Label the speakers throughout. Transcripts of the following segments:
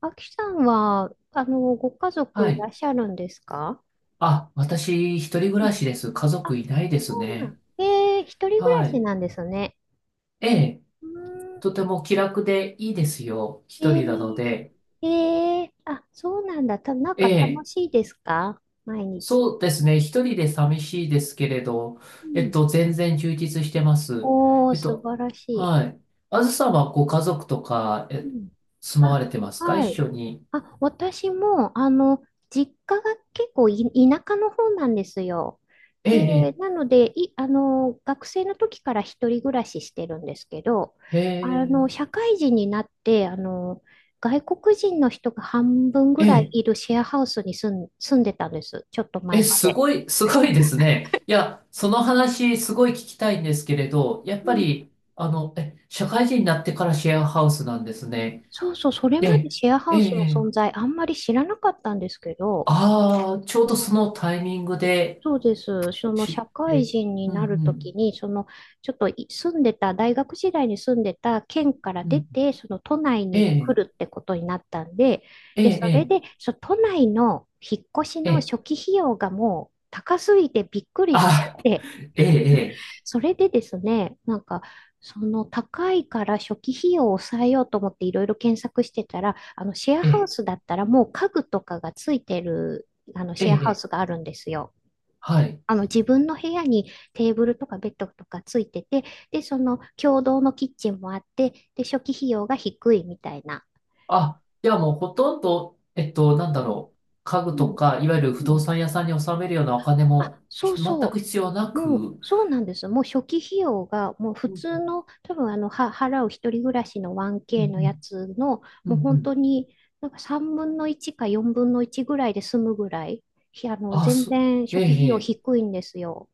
Speaker 1: あきさんは、ご家族
Speaker 2: は
Speaker 1: いら
Speaker 2: い。
Speaker 1: っしゃるんですか？
Speaker 2: あ、私、一人暮
Speaker 1: うん。
Speaker 2: らしです。家族
Speaker 1: あ、
Speaker 2: いないで
Speaker 1: そ
Speaker 2: す
Speaker 1: うなん。
Speaker 2: ね。
Speaker 1: 一人暮ら
Speaker 2: は
Speaker 1: し
Speaker 2: い。
Speaker 1: なんですね。
Speaker 2: ええ、
Speaker 1: うーん。
Speaker 2: とても気楽でいいですよ。
Speaker 1: え
Speaker 2: 一人なの
Speaker 1: ー、
Speaker 2: で。
Speaker 1: あ、そうなんだ。なん
Speaker 2: え
Speaker 1: か楽
Speaker 2: え、
Speaker 1: しいですか毎日？
Speaker 2: そうですね。一人で寂しいですけれど、
Speaker 1: うん。
Speaker 2: 全然充実してます。
Speaker 1: おー、
Speaker 2: えっ
Speaker 1: 素
Speaker 2: と、
Speaker 1: 晴らしい。
Speaker 2: はい。あずさんはご家族とか、
Speaker 1: うん。
Speaker 2: 住ま
Speaker 1: あ、
Speaker 2: われてますか一
Speaker 1: はい。
Speaker 2: 緒に？
Speaker 1: あ、私も、実家が結構田舎の方なんですよ。
Speaker 2: え
Speaker 1: で、
Speaker 2: え、
Speaker 1: なので、い、あの、学生の時から一人暮らししてるんですけど、
Speaker 2: ええ、
Speaker 1: 社会人になって、外国人の人が半分ぐ
Speaker 2: ええ、
Speaker 1: らい
Speaker 2: え
Speaker 1: いるシェアハウスに住んでたんです。ちょっと前
Speaker 2: え、
Speaker 1: ま
Speaker 2: す
Speaker 1: で。
Speaker 2: ごい、すごいですね。いや、その話、すごい聞きたいんですけれど、やっ
Speaker 1: う
Speaker 2: ぱ
Speaker 1: ん。
Speaker 2: り、社会人になってからシェアハウスなんですね。
Speaker 1: そうそう、それ
Speaker 2: え
Speaker 1: まで
Speaker 2: え、
Speaker 1: シェアハ
Speaker 2: え
Speaker 1: ウスの
Speaker 2: え、
Speaker 1: 存在あんまり知らなかったんですけど、
Speaker 2: ああ、ちょう
Speaker 1: う
Speaker 2: どそ
Speaker 1: ん、
Speaker 2: のタイミングで
Speaker 1: そうです。その
Speaker 2: 知っ
Speaker 1: 社会
Speaker 2: て、
Speaker 1: 人に
Speaker 2: うん、
Speaker 1: なる
Speaker 2: う
Speaker 1: とき
Speaker 2: ん、
Speaker 1: に、そのちょっと住んでた、大学時代に住んでた県から
Speaker 2: う
Speaker 1: 出
Speaker 2: ん、
Speaker 1: て、その都内
Speaker 2: え
Speaker 1: に
Speaker 2: え、
Speaker 1: 来るってことになったんで、
Speaker 2: え
Speaker 1: で、それ
Speaker 2: え、
Speaker 1: で、都内の引っ越し
Speaker 2: ええ、
Speaker 1: の
Speaker 2: え
Speaker 1: 初
Speaker 2: え
Speaker 1: 期費用がもう高すぎてびっくりしちゃっ
Speaker 2: あ、
Speaker 1: て、
Speaker 2: ええ、
Speaker 1: それでですね、なんか、その高いから初期費用を抑えようと思っていろいろ検索してたら、あのシェア
Speaker 2: ええ、え
Speaker 1: ハウ
Speaker 2: え、
Speaker 1: スだったらもう家具とかがついてるあのシェア
Speaker 2: え
Speaker 1: ハウ
Speaker 2: え
Speaker 1: スがあるんですよ。
Speaker 2: はい。
Speaker 1: あの自分の部屋にテーブルとかベッドとかついてて、で、その共同のキッチンもあって、で、初期費用が低いみたいな。
Speaker 2: あ、じゃあもうほとんど、なんだ
Speaker 1: うん。
Speaker 2: ろう、家
Speaker 1: う
Speaker 2: 具と
Speaker 1: ん
Speaker 2: か、いわゆる不
Speaker 1: う
Speaker 2: 動
Speaker 1: ん。
Speaker 2: 産屋さんに納めるようなお金
Speaker 1: あ、
Speaker 2: も、
Speaker 1: そ
Speaker 2: ひ
Speaker 1: う
Speaker 2: 全く
Speaker 1: そ
Speaker 2: 必要な
Speaker 1: う。もう、
Speaker 2: く、
Speaker 1: そうなんです。もう初期費用が、もう普
Speaker 2: うん
Speaker 1: 通の、多分払う一人暮らしの
Speaker 2: う
Speaker 1: 1K のや
Speaker 2: ん
Speaker 1: つの、
Speaker 2: うんう
Speaker 1: もう
Speaker 2: ん
Speaker 1: 本
Speaker 2: う
Speaker 1: 当
Speaker 2: ん
Speaker 1: に、なんか3分の1か4分の1ぐらいで済むぐらい、ひあの、
Speaker 2: あ、
Speaker 1: 全然
Speaker 2: え
Speaker 1: 初期費用
Speaker 2: え、
Speaker 1: 低いんですよ。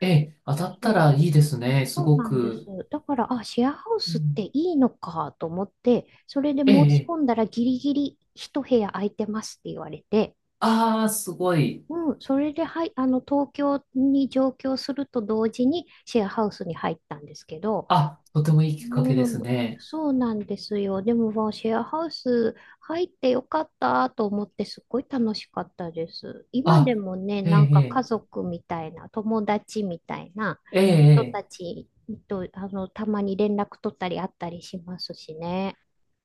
Speaker 2: ええ、ええ当たったらいいですね、す
Speaker 1: そう
Speaker 2: ご
Speaker 1: なんです。
Speaker 2: く。
Speaker 1: だから、あ、シェアハウ
Speaker 2: う
Speaker 1: スって
Speaker 2: ん、
Speaker 1: いいのかと思って、それで申
Speaker 2: ええ、
Speaker 1: し
Speaker 2: え
Speaker 1: 込ん
Speaker 2: え
Speaker 1: だらギリギリ一部屋空いてますって言われて、
Speaker 2: ああ、すごい。
Speaker 1: うん、それで、はい、東京に上京すると同時にシェアハウスに入ったんですけど、
Speaker 2: あ、とてもいいきっかけで
Speaker 1: うん、
Speaker 2: すね。
Speaker 1: そうなんですよ。でも、まあシェアハウス入ってよかったと思って、すっごい楽しかったです。今で
Speaker 2: あ、
Speaker 1: もね、
Speaker 2: え
Speaker 1: なんか家
Speaker 2: え、
Speaker 1: 族みたいな、友達みたいな
Speaker 2: ええ、ええ、
Speaker 1: 人
Speaker 2: え
Speaker 1: た
Speaker 2: え
Speaker 1: ちと、たまに連絡取ったり会ったりしますしね。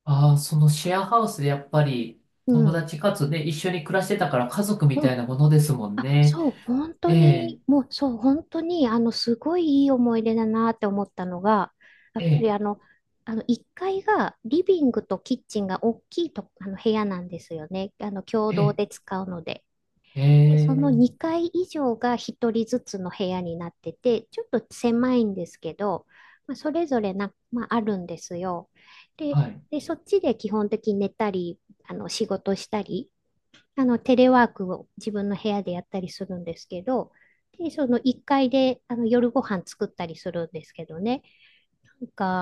Speaker 2: ああ、そのシェアハウスでやっぱり
Speaker 1: う
Speaker 2: 友
Speaker 1: ん。
Speaker 2: 達かつね、一緒に暮らしてたから家族み
Speaker 1: う
Speaker 2: たい
Speaker 1: ん。
Speaker 2: なものですもん
Speaker 1: あ、
Speaker 2: ね。
Speaker 1: そう、本当
Speaker 2: ええ、
Speaker 1: に、もうそう、本当に、すごいいい思い出だなって思ったのが、やっ
Speaker 2: え
Speaker 1: ぱり
Speaker 2: え、
Speaker 1: 1階がリビングとキッチンが大きいと、部屋なんですよね。共
Speaker 2: え
Speaker 1: 同
Speaker 2: え、
Speaker 1: で使うので。
Speaker 2: え
Speaker 1: で、その
Speaker 2: え
Speaker 1: 2階以上が1人ずつの部屋になってて、ちょっと狭いんですけど、まあ、それぞれな、まあ、あるんですよ。で、
Speaker 2: はい、
Speaker 1: で、そっちで基本的に寝たり、仕事したり、テレワークを自分の部屋でやったりするんですけど、で、その1階で、夜ご飯作ったりするんですけどね。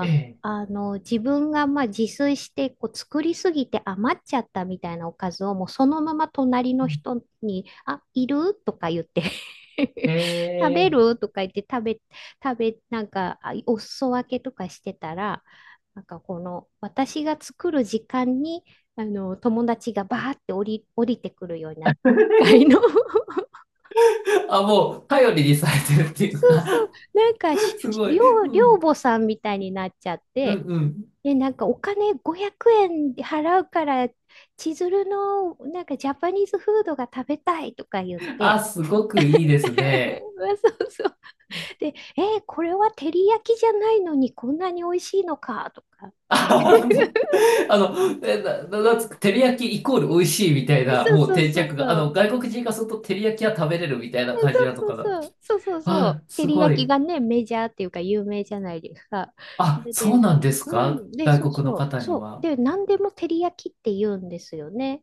Speaker 2: ええ、
Speaker 1: あの、自分がまあ自炊してこう作りすぎて余っちゃったみたいなおかずをもうそのまま隣
Speaker 2: う
Speaker 1: の
Speaker 2: ん
Speaker 1: 人に、あ、いるとか言って
Speaker 2: え
Speaker 1: 食べ
Speaker 2: え、
Speaker 1: るとか言って食べ、食べ、なんか、あお裾分けとかしてたら、なんかこの私が作る時間に、友達がバーって降りてくるようになって、一回の。
Speaker 2: あ、もう頼りにされてるっていう
Speaker 1: そうそ
Speaker 2: か、
Speaker 1: う、なんか
Speaker 2: すごい。
Speaker 1: 寮、
Speaker 2: う
Speaker 1: 寮
Speaker 2: ん
Speaker 1: 母さんみたいになっちゃっ
Speaker 2: うん
Speaker 1: て、
Speaker 2: うん。
Speaker 1: で、なんかお金500円払うから、千鶴のなんかジャパニーズフードが食べたいとか言って、
Speaker 2: あ、すごくいいですね。
Speaker 1: まあそうそう。で、これは照り焼きじゃないのにこんなに美味しいのかとか。
Speaker 2: あの、あの、えな、な、なんつうか、照り焼きイコール美味しいみたいな、
Speaker 1: そう
Speaker 2: もう
Speaker 1: そう
Speaker 2: 定
Speaker 1: そう
Speaker 2: 着が、
Speaker 1: そう。
Speaker 2: 外国人がすると照り焼きは食べれるみたいな感じなの
Speaker 1: そうそう
Speaker 2: かな。
Speaker 1: そう。そうそうそう。
Speaker 2: あ、
Speaker 1: 照
Speaker 2: す
Speaker 1: り
Speaker 2: ご
Speaker 1: 焼き
Speaker 2: い。
Speaker 1: がね、メジャーっていうか有名じゃないですか。そ
Speaker 2: あ、
Speaker 1: れ
Speaker 2: そう
Speaker 1: で、
Speaker 2: なんです
Speaker 1: う
Speaker 2: か
Speaker 1: ん。で、そう
Speaker 2: 外国の
Speaker 1: そう。
Speaker 2: 方に
Speaker 1: そう。
Speaker 2: は？
Speaker 1: で、何でも照り焼きって言うんですよね。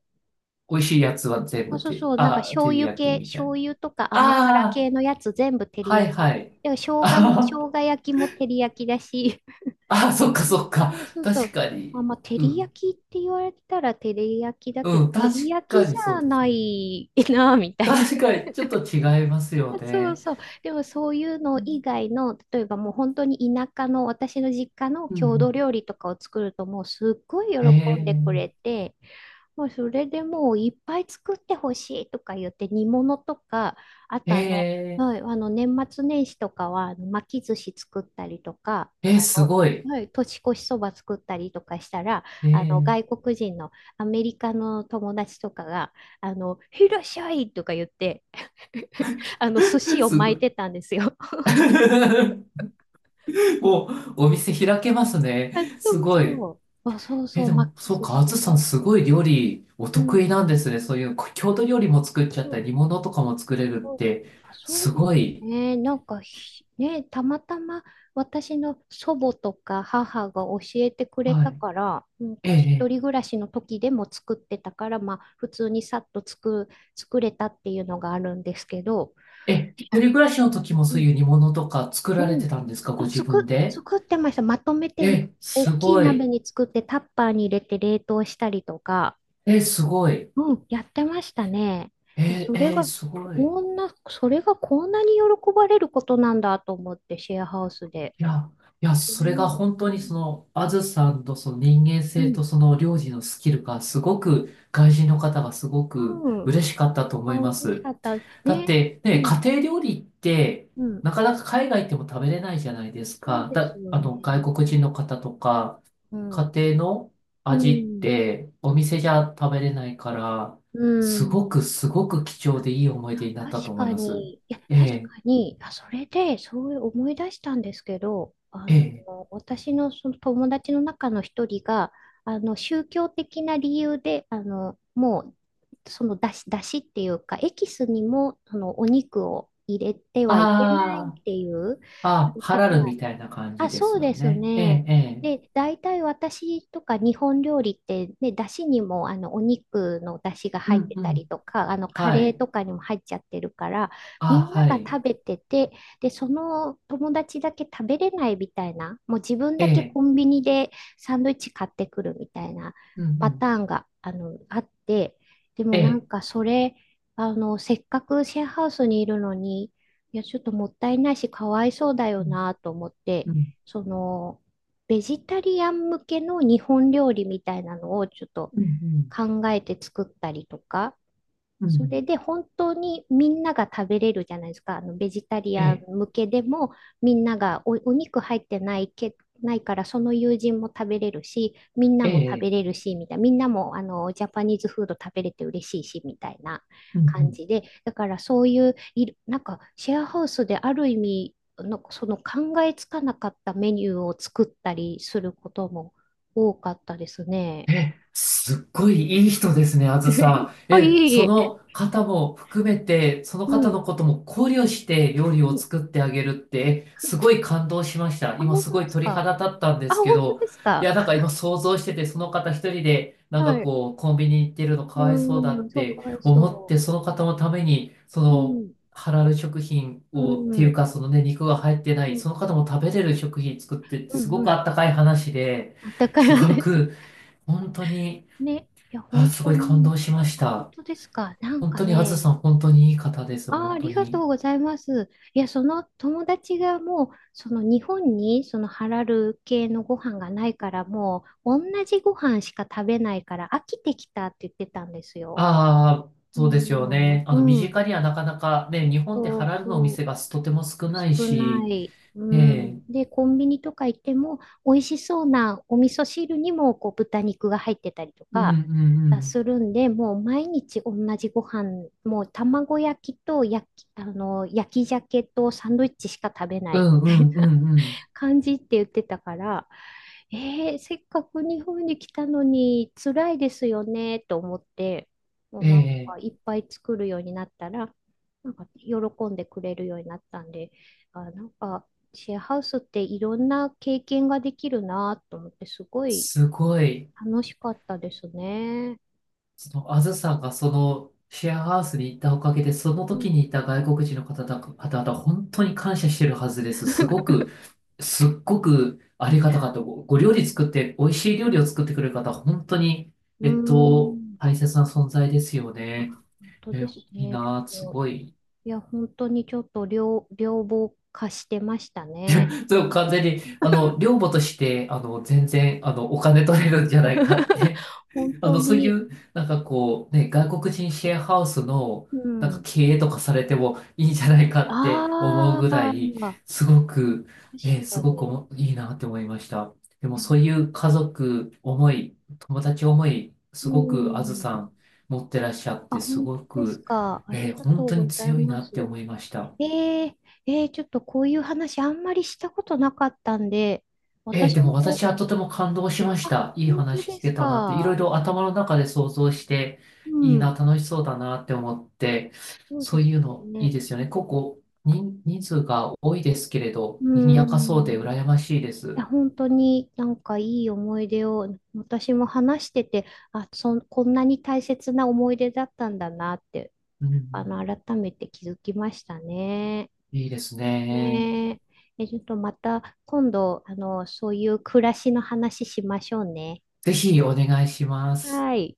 Speaker 2: 美味しいやつは全
Speaker 1: そう
Speaker 2: 部
Speaker 1: そう
Speaker 2: て、
Speaker 1: そう、なんか
Speaker 2: あ、照
Speaker 1: 醤
Speaker 2: り
Speaker 1: 油
Speaker 2: 焼き
Speaker 1: 系、
Speaker 2: みたい
Speaker 1: 醤
Speaker 2: な。
Speaker 1: 油とか甘辛
Speaker 2: あ
Speaker 1: 系のやつ全部照
Speaker 2: あ、
Speaker 1: り
Speaker 2: は
Speaker 1: 焼
Speaker 2: い
Speaker 1: き。
Speaker 2: はい。
Speaker 1: でも生姜も、
Speaker 2: あー
Speaker 1: 生姜焼きも照り焼きだし。
Speaker 2: あー、そっか
Speaker 1: う
Speaker 2: そっか。
Speaker 1: ん。あ、そうそ
Speaker 2: 確
Speaker 1: う。
Speaker 2: か
Speaker 1: まあ
Speaker 2: に。
Speaker 1: まあ、照
Speaker 2: う
Speaker 1: り
Speaker 2: ん。
Speaker 1: 焼きって言われたら照り焼きだけ
Speaker 2: う
Speaker 1: ど、
Speaker 2: ん、
Speaker 1: 照
Speaker 2: 確
Speaker 1: り焼き
Speaker 2: か
Speaker 1: じ
Speaker 2: にそう
Speaker 1: ゃ
Speaker 2: です
Speaker 1: な
Speaker 2: ね。
Speaker 1: いな、みたいな。
Speaker 2: 確かに、ちょっと違いますよ
Speaker 1: そう
Speaker 2: ね。
Speaker 1: そう。でもそういうの
Speaker 2: う
Speaker 1: 以
Speaker 2: ん
Speaker 1: 外の、例えばもう本当に田舎の私の実家の
Speaker 2: うんう
Speaker 1: 郷土
Speaker 2: ん。
Speaker 1: 料理とかを作るともうすっごい喜んでくれ
Speaker 2: え
Speaker 1: て、もうそれでもういっぱい作ってほしいとか言って煮物とか、あ
Speaker 2: ー、
Speaker 1: と
Speaker 2: え
Speaker 1: はい、あの年末年始とかはあの巻き寿司作ったりとか、
Speaker 2: すごい。
Speaker 1: はい、年越しそば作ったりとかしたら、あの
Speaker 2: え
Speaker 1: 外国人のアメリカの友達とかが、いらっしゃいとか言って あの寿司を
Speaker 2: す
Speaker 1: 巻
Speaker 2: ご
Speaker 1: い
Speaker 2: い。
Speaker 1: てたんですよ。
Speaker 2: もう、お店開けますね。
Speaker 1: あ、そ
Speaker 2: す
Speaker 1: う
Speaker 2: ごい。
Speaker 1: そう。あ、そうそう、
Speaker 2: でも、
Speaker 1: 巻き
Speaker 2: そう
Speaker 1: 寿
Speaker 2: か、あ
Speaker 1: 司。
Speaker 2: ずさん、すごい料理、お
Speaker 1: う
Speaker 2: 得意
Speaker 1: ん。
Speaker 2: なんですね。そういう、郷土料理も作っちゃ
Speaker 1: う
Speaker 2: ったり、
Speaker 1: ん。
Speaker 2: 煮物とかも作れるっ
Speaker 1: そう、
Speaker 2: て、
Speaker 1: あ、そう
Speaker 2: す
Speaker 1: で
Speaker 2: ご
Speaker 1: すよ
Speaker 2: い。
Speaker 1: ね。なんかね、たまたま私の祖母とか母が教えてくれ
Speaker 2: は
Speaker 1: た
Speaker 2: い。
Speaker 1: から、なん
Speaker 2: えー、
Speaker 1: か一
Speaker 2: え
Speaker 1: 人暮らしの時でも作ってたから、まあ普通にさっと作れたっていうのがあるんですけど、
Speaker 2: 一
Speaker 1: あ、
Speaker 2: 人暮らしの時も
Speaker 1: う
Speaker 2: そう
Speaker 1: ん、
Speaker 2: いう煮物とか作
Speaker 1: う
Speaker 2: られて
Speaker 1: ん。
Speaker 2: たんですか、ご
Speaker 1: あ、
Speaker 2: 自分で？
Speaker 1: 作ってました。まとめて
Speaker 2: す
Speaker 1: 大きい
Speaker 2: ご
Speaker 1: 鍋
Speaker 2: い。
Speaker 1: に作ってタッパーに入れて冷凍したりとか、
Speaker 2: すごい。
Speaker 1: うん、やってましたね。いや、
Speaker 2: すごい。
Speaker 1: それがこんなに喜ばれることなんだと思って、シェアハウスで。
Speaker 2: いや、いや、
Speaker 1: う
Speaker 2: それが
Speaker 1: ん、
Speaker 2: 本当にその、あずさんとその人間
Speaker 1: うん、
Speaker 2: 性
Speaker 1: うん。
Speaker 2: とその料理のスキルがすごく、外人の方がすごく
Speaker 1: うん。
Speaker 2: 嬉しかったと
Speaker 1: あ、
Speaker 2: 思いま
Speaker 1: 嬉しか
Speaker 2: す。
Speaker 1: った。
Speaker 2: だっ
Speaker 1: ね。
Speaker 2: て、
Speaker 1: う
Speaker 2: ね、
Speaker 1: ん、
Speaker 2: 家庭料理って、
Speaker 1: うん。
Speaker 2: なかなか海外行っても食べれないじゃないです
Speaker 1: そう
Speaker 2: か。
Speaker 1: です
Speaker 2: だ、
Speaker 1: よ
Speaker 2: あ
Speaker 1: ね。
Speaker 2: の、外国人の方とか、
Speaker 1: う
Speaker 2: 家
Speaker 1: ん、
Speaker 2: 庭の
Speaker 1: う
Speaker 2: 味っ
Speaker 1: ん、
Speaker 2: て、お店じゃ食べれないから、
Speaker 1: う
Speaker 2: すご
Speaker 1: ん。
Speaker 2: くすごく貴重でいい思い出になっ
Speaker 1: 確
Speaker 2: たと思い
Speaker 1: か
Speaker 2: ます。
Speaker 1: に、いや、
Speaker 2: え
Speaker 1: 確
Speaker 2: え
Speaker 1: かに、あ、それで、そういう思い出したんですけど、
Speaker 2: ええ
Speaker 1: 私のその友達の中の一人が、宗教的な理由で、もう、その出汁、出汁っていうか、エキスにも、そのお肉を入れてはいけないっ
Speaker 2: あ
Speaker 1: ていう、あ
Speaker 2: あ、あ、
Speaker 1: の
Speaker 2: ハ
Speaker 1: 方
Speaker 2: ラル
Speaker 1: が、
Speaker 2: みたいな感
Speaker 1: あ、
Speaker 2: じで
Speaker 1: そ
Speaker 2: す
Speaker 1: う
Speaker 2: よ
Speaker 1: です
Speaker 2: ね。え
Speaker 1: ね。
Speaker 2: え、ええ。
Speaker 1: で、大体私とか日本料理って、ね、だしにもあのお肉のだしが
Speaker 2: う
Speaker 1: 入っ
Speaker 2: ん、
Speaker 1: て
Speaker 2: う
Speaker 1: たり
Speaker 2: ん。
Speaker 1: とか、あのカ
Speaker 2: は
Speaker 1: レー
Speaker 2: い。
Speaker 1: とかにも入っちゃってるから、み
Speaker 2: あ、
Speaker 1: んな
Speaker 2: は
Speaker 1: が
Speaker 2: い。
Speaker 1: 食べてて、で、その友達だけ食べれないみたいな、もう自分
Speaker 2: え
Speaker 1: だけ
Speaker 2: え、
Speaker 1: コンビニでサンドイッチ買ってくるみたいな
Speaker 2: うん、う
Speaker 1: パ
Speaker 2: ん。
Speaker 1: ターンがあって、で
Speaker 2: え
Speaker 1: もなん
Speaker 2: え、
Speaker 1: かそれ、せっかくシェアハウスにいるのに、いや、ちょっともったいないし、かわいそうだよ
Speaker 2: うん、
Speaker 1: なと思って、
Speaker 2: うん、
Speaker 1: その、ベジタリアン向けの日本料理みたいなのをちょっと
Speaker 2: うん、うん。
Speaker 1: 考えて作ったりとか、
Speaker 2: うんう
Speaker 1: そ
Speaker 2: ん
Speaker 1: れで本当にみんなが食べれるじゃないですか。あのベジタリ
Speaker 2: え
Speaker 1: アン
Speaker 2: え、
Speaker 1: 向けでもみんながお肉入ってないけ、ないからその友人も食べれるし、みんな
Speaker 2: え
Speaker 1: も食べ
Speaker 2: え、
Speaker 1: れるし、みたいな。みんなもあのジャパニーズフード食べれて嬉しいし、みたいな
Speaker 2: うん、う
Speaker 1: 感
Speaker 2: ん。
Speaker 1: じで。だからそういう、いるなんかシェアハウスである意味、なんかその考えつかなかったメニューを作ったりすることも多かったですね。
Speaker 2: すっごいいい人ですね、あず さん。
Speaker 1: あ、いえい
Speaker 2: そ
Speaker 1: え。
Speaker 2: の方も含めて、その
Speaker 1: う
Speaker 2: 方
Speaker 1: ん。
Speaker 2: のことも考慮して料理
Speaker 1: う
Speaker 2: を
Speaker 1: ん。
Speaker 2: 作ってあげるって、すごい感動しました。
Speaker 1: あ、
Speaker 2: 今
Speaker 1: 本
Speaker 2: す
Speaker 1: 当で
Speaker 2: ごい
Speaker 1: す
Speaker 2: 鳥
Speaker 1: か？
Speaker 2: 肌立ったんで
Speaker 1: あ、
Speaker 2: すけ
Speaker 1: 本当
Speaker 2: ど、
Speaker 1: です
Speaker 2: い
Speaker 1: か？
Speaker 2: や、なんか今想像してて、その方一人で、なんか
Speaker 1: はい。
Speaker 2: こう、コンビニ行ってるのか
Speaker 1: う
Speaker 2: わいそうだ
Speaker 1: ーん、
Speaker 2: っ
Speaker 1: そう、か
Speaker 2: て
Speaker 1: わい
Speaker 2: 思っ
Speaker 1: そ
Speaker 2: て、その方のために、
Speaker 1: う。うん、
Speaker 2: ハラル食品
Speaker 1: う
Speaker 2: を、っ
Speaker 1: ん、
Speaker 2: て
Speaker 1: う
Speaker 2: いう
Speaker 1: ん、
Speaker 2: か、そのね、肉が入ってない、その方も食べれる食品作って、
Speaker 1: う
Speaker 2: す
Speaker 1: ん、
Speaker 2: ご
Speaker 1: う
Speaker 2: く
Speaker 1: ん。
Speaker 2: あったかい話で、
Speaker 1: あったかい
Speaker 2: すご
Speaker 1: 話。
Speaker 2: く、本当に、
Speaker 1: ね。いや、
Speaker 2: あ、
Speaker 1: 本
Speaker 2: す
Speaker 1: 当
Speaker 2: ごい感
Speaker 1: に。
Speaker 2: 動しまし
Speaker 1: あ、本
Speaker 2: た。
Speaker 1: 当ですか？なん
Speaker 2: 本
Speaker 1: か
Speaker 2: 当に、あず
Speaker 1: ね。
Speaker 2: さん、本当にいい方です、
Speaker 1: あー、あ
Speaker 2: 本当
Speaker 1: りがと
Speaker 2: に。
Speaker 1: うございます。いや、その友達がもう、その日本にそのハラル系のご飯がないから、もう同じご飯しか食べないから飽きてきたって言ってたんですよ。
Speaker 2: ああ、
Speaker 1: う
Speaker 2: そうですよね。
Speaker 1: ん、
Speaker 2: 身
Speaker 1: うん、
Speaker 2: 近にはなかなかね、日本って
Speaker 1: そ
Speaker 2: ハ
Speaker 1: う
Speaker 2: ラルのお
Speaker 1: そう。
Speaker 2: 店がとても少ない
Speaker 1: 少な
Speaker 2: し、
Speaker 1: い。う
Speaker 2: え
Speaker 1: ん。
Speaker 2: え、
Speaker 1: で、コンビニとか行っても、美味しそうなお味噌汁にも、こう、豚肉が入ってたりと
Speaker 2: うんう
Speaker 1: か、
Speaker 2: ん
Speaker 1: するんで、もう毎日同じご飯、もう卵焼きと焼き鮭とサンドイッチしか食べな
Speaker 2: う
Speaker 1: い
Speaker 2: ん、
Speaker 1: み
Speaker 2: う
Speaker 1: たい
Speaker 2: んう
Speaker 1: な
Speaker 2: んうんう
Speaker 1: 感じって言ってたから、せっかく日本に来たのに辛いですよねと思って、も
Speaker 2: ん、
Speaker 1: うなん
Speaker 2: え
Speaker 1: かい
Speaker 2: え、
Speaker 1: っぱい作るようになったら、なんか喜んでくれるようになったんで、あ、なんかシェアハウスっていろんな経験ができるなと思って、すごい
Speaker 2: すごい、
Speaker 1: 楽しかったですね。
Speaker 2: あずさんがシェアハウスに行ったおかげで、その
Speaker 1: うん、
Speaker 2: 時にいた外国人の方々、本当に感謝してるはずです。すごくすっごくありがたかった。ご料理作って、美味しい料理を作ってくれる方、本当に、
Speaker 1: うーん、
Speaker 2: 大切な存在ですよ
Speaker 1: あ、
Speaker 2: ね。
Speaker 1: 本当
Speaker 2: え、
Speaker 1: です
Speaker 2: いい
Speaker 1: ね。ちょ
Speaker 2: なぁ、す
Speaker 1: っと、
Speaker 2: ごい。
Speaker 1: いや、本当にちょっと両方貸してましたね。
Speaker 2: そう、完全に、寮母として、全然、お金取れるんじゃないかって
Speaker 1: 本当
Speaker 2: そうい
Speaker 1: に。
Speaker 2: う、なんかこう、ね、外国人シェアハウスの、
Speaker 1: う
Speaker 2: なんか
Speaker 1: ん。
Speaker 2: 経営とかされてもいいんじゃないかって思う
Speaker 1: あ
Speaker 2: ぐら
Speaker 1: あ、
Speaker 2: い、すごく、
Speaker 1: 確
Speaker 2: す
Speaker 1: か
Speaker 2: ごくお
Speaker 1: に。
Speaker 2: もいいなって思いました。でも
Speaker 1: いや、
Speaker 2: そういう家族思い、友達思い、
Speaker 1: う
Speaker 2: すごくあず
Speaker 1: ん。
Speaker 2: さん持ってらっしゃっ
Speaker 1: あ、
Speaker 2: て、す
Speaker 1: 本当
Speaker 2: ご
Speaker 1: です
Speaker 2: く、
Speaker 1: か？ありがと
Speaker 2: 本当
Speaker 1: う
Speaker 2: に
Speaker 1: ござい
Speaker 2: 強い
Speaker 1: ま
Speaker 2: なって
Speaker 1: す。
Speaker 2: 思いました。
Speaker 1: えー、ちょっとこういう話あんまりしたことなかったんで、
Speaker 2: ええ、
Speaker 1: 私
Speaker 2: でも
Speaker 1: も
Speaker 2: 私
Speaker 1: こう、
Speaker 2: はとても感動しまし
Speaker 1: あ、
Speaker 2: た。いい
Speaker 1: 本当
Speaker 2: 話
Speaker 1: で
Speaker 2: 聞
Speaker 1: す
Speaker 2: けたなって、いろい
Speaker 1: か？
Speaker 2: ろ頭の中で想像して、
Speaker 1: う
Speaker 2: いい
Speaker 1: ん。
Speaker 2: な、楽しそうだなって思って、
Speaker 1: そうで
Speaker 2: そう
Speaker 1: す
Speaker 2: いうのい
Speaker 1: ね。
Speaker 2: いですよね。ここ、人数が多いですけれど、
Speaker 1: う
Speaker 2: 賑やかそうで
Speaker 1: ん。い
Speaker 2: 羨ましいで
Speaker 1: や
Speaker 2: す。
Speaker 1: 本当になんかいい思い出を私も話してて、あ、こんなに大切な思い出だったんだなって、
Speaker 2: うんうん、
Speaker 1: 改めて気づきましたね。
Speaker 2: いいですね。
Speaker 1: ねえ、ちょっとまた今度、そういう暮らしの話しましょうね。
Speaker 2: ぜひお願いします。
Speaker 1: はい。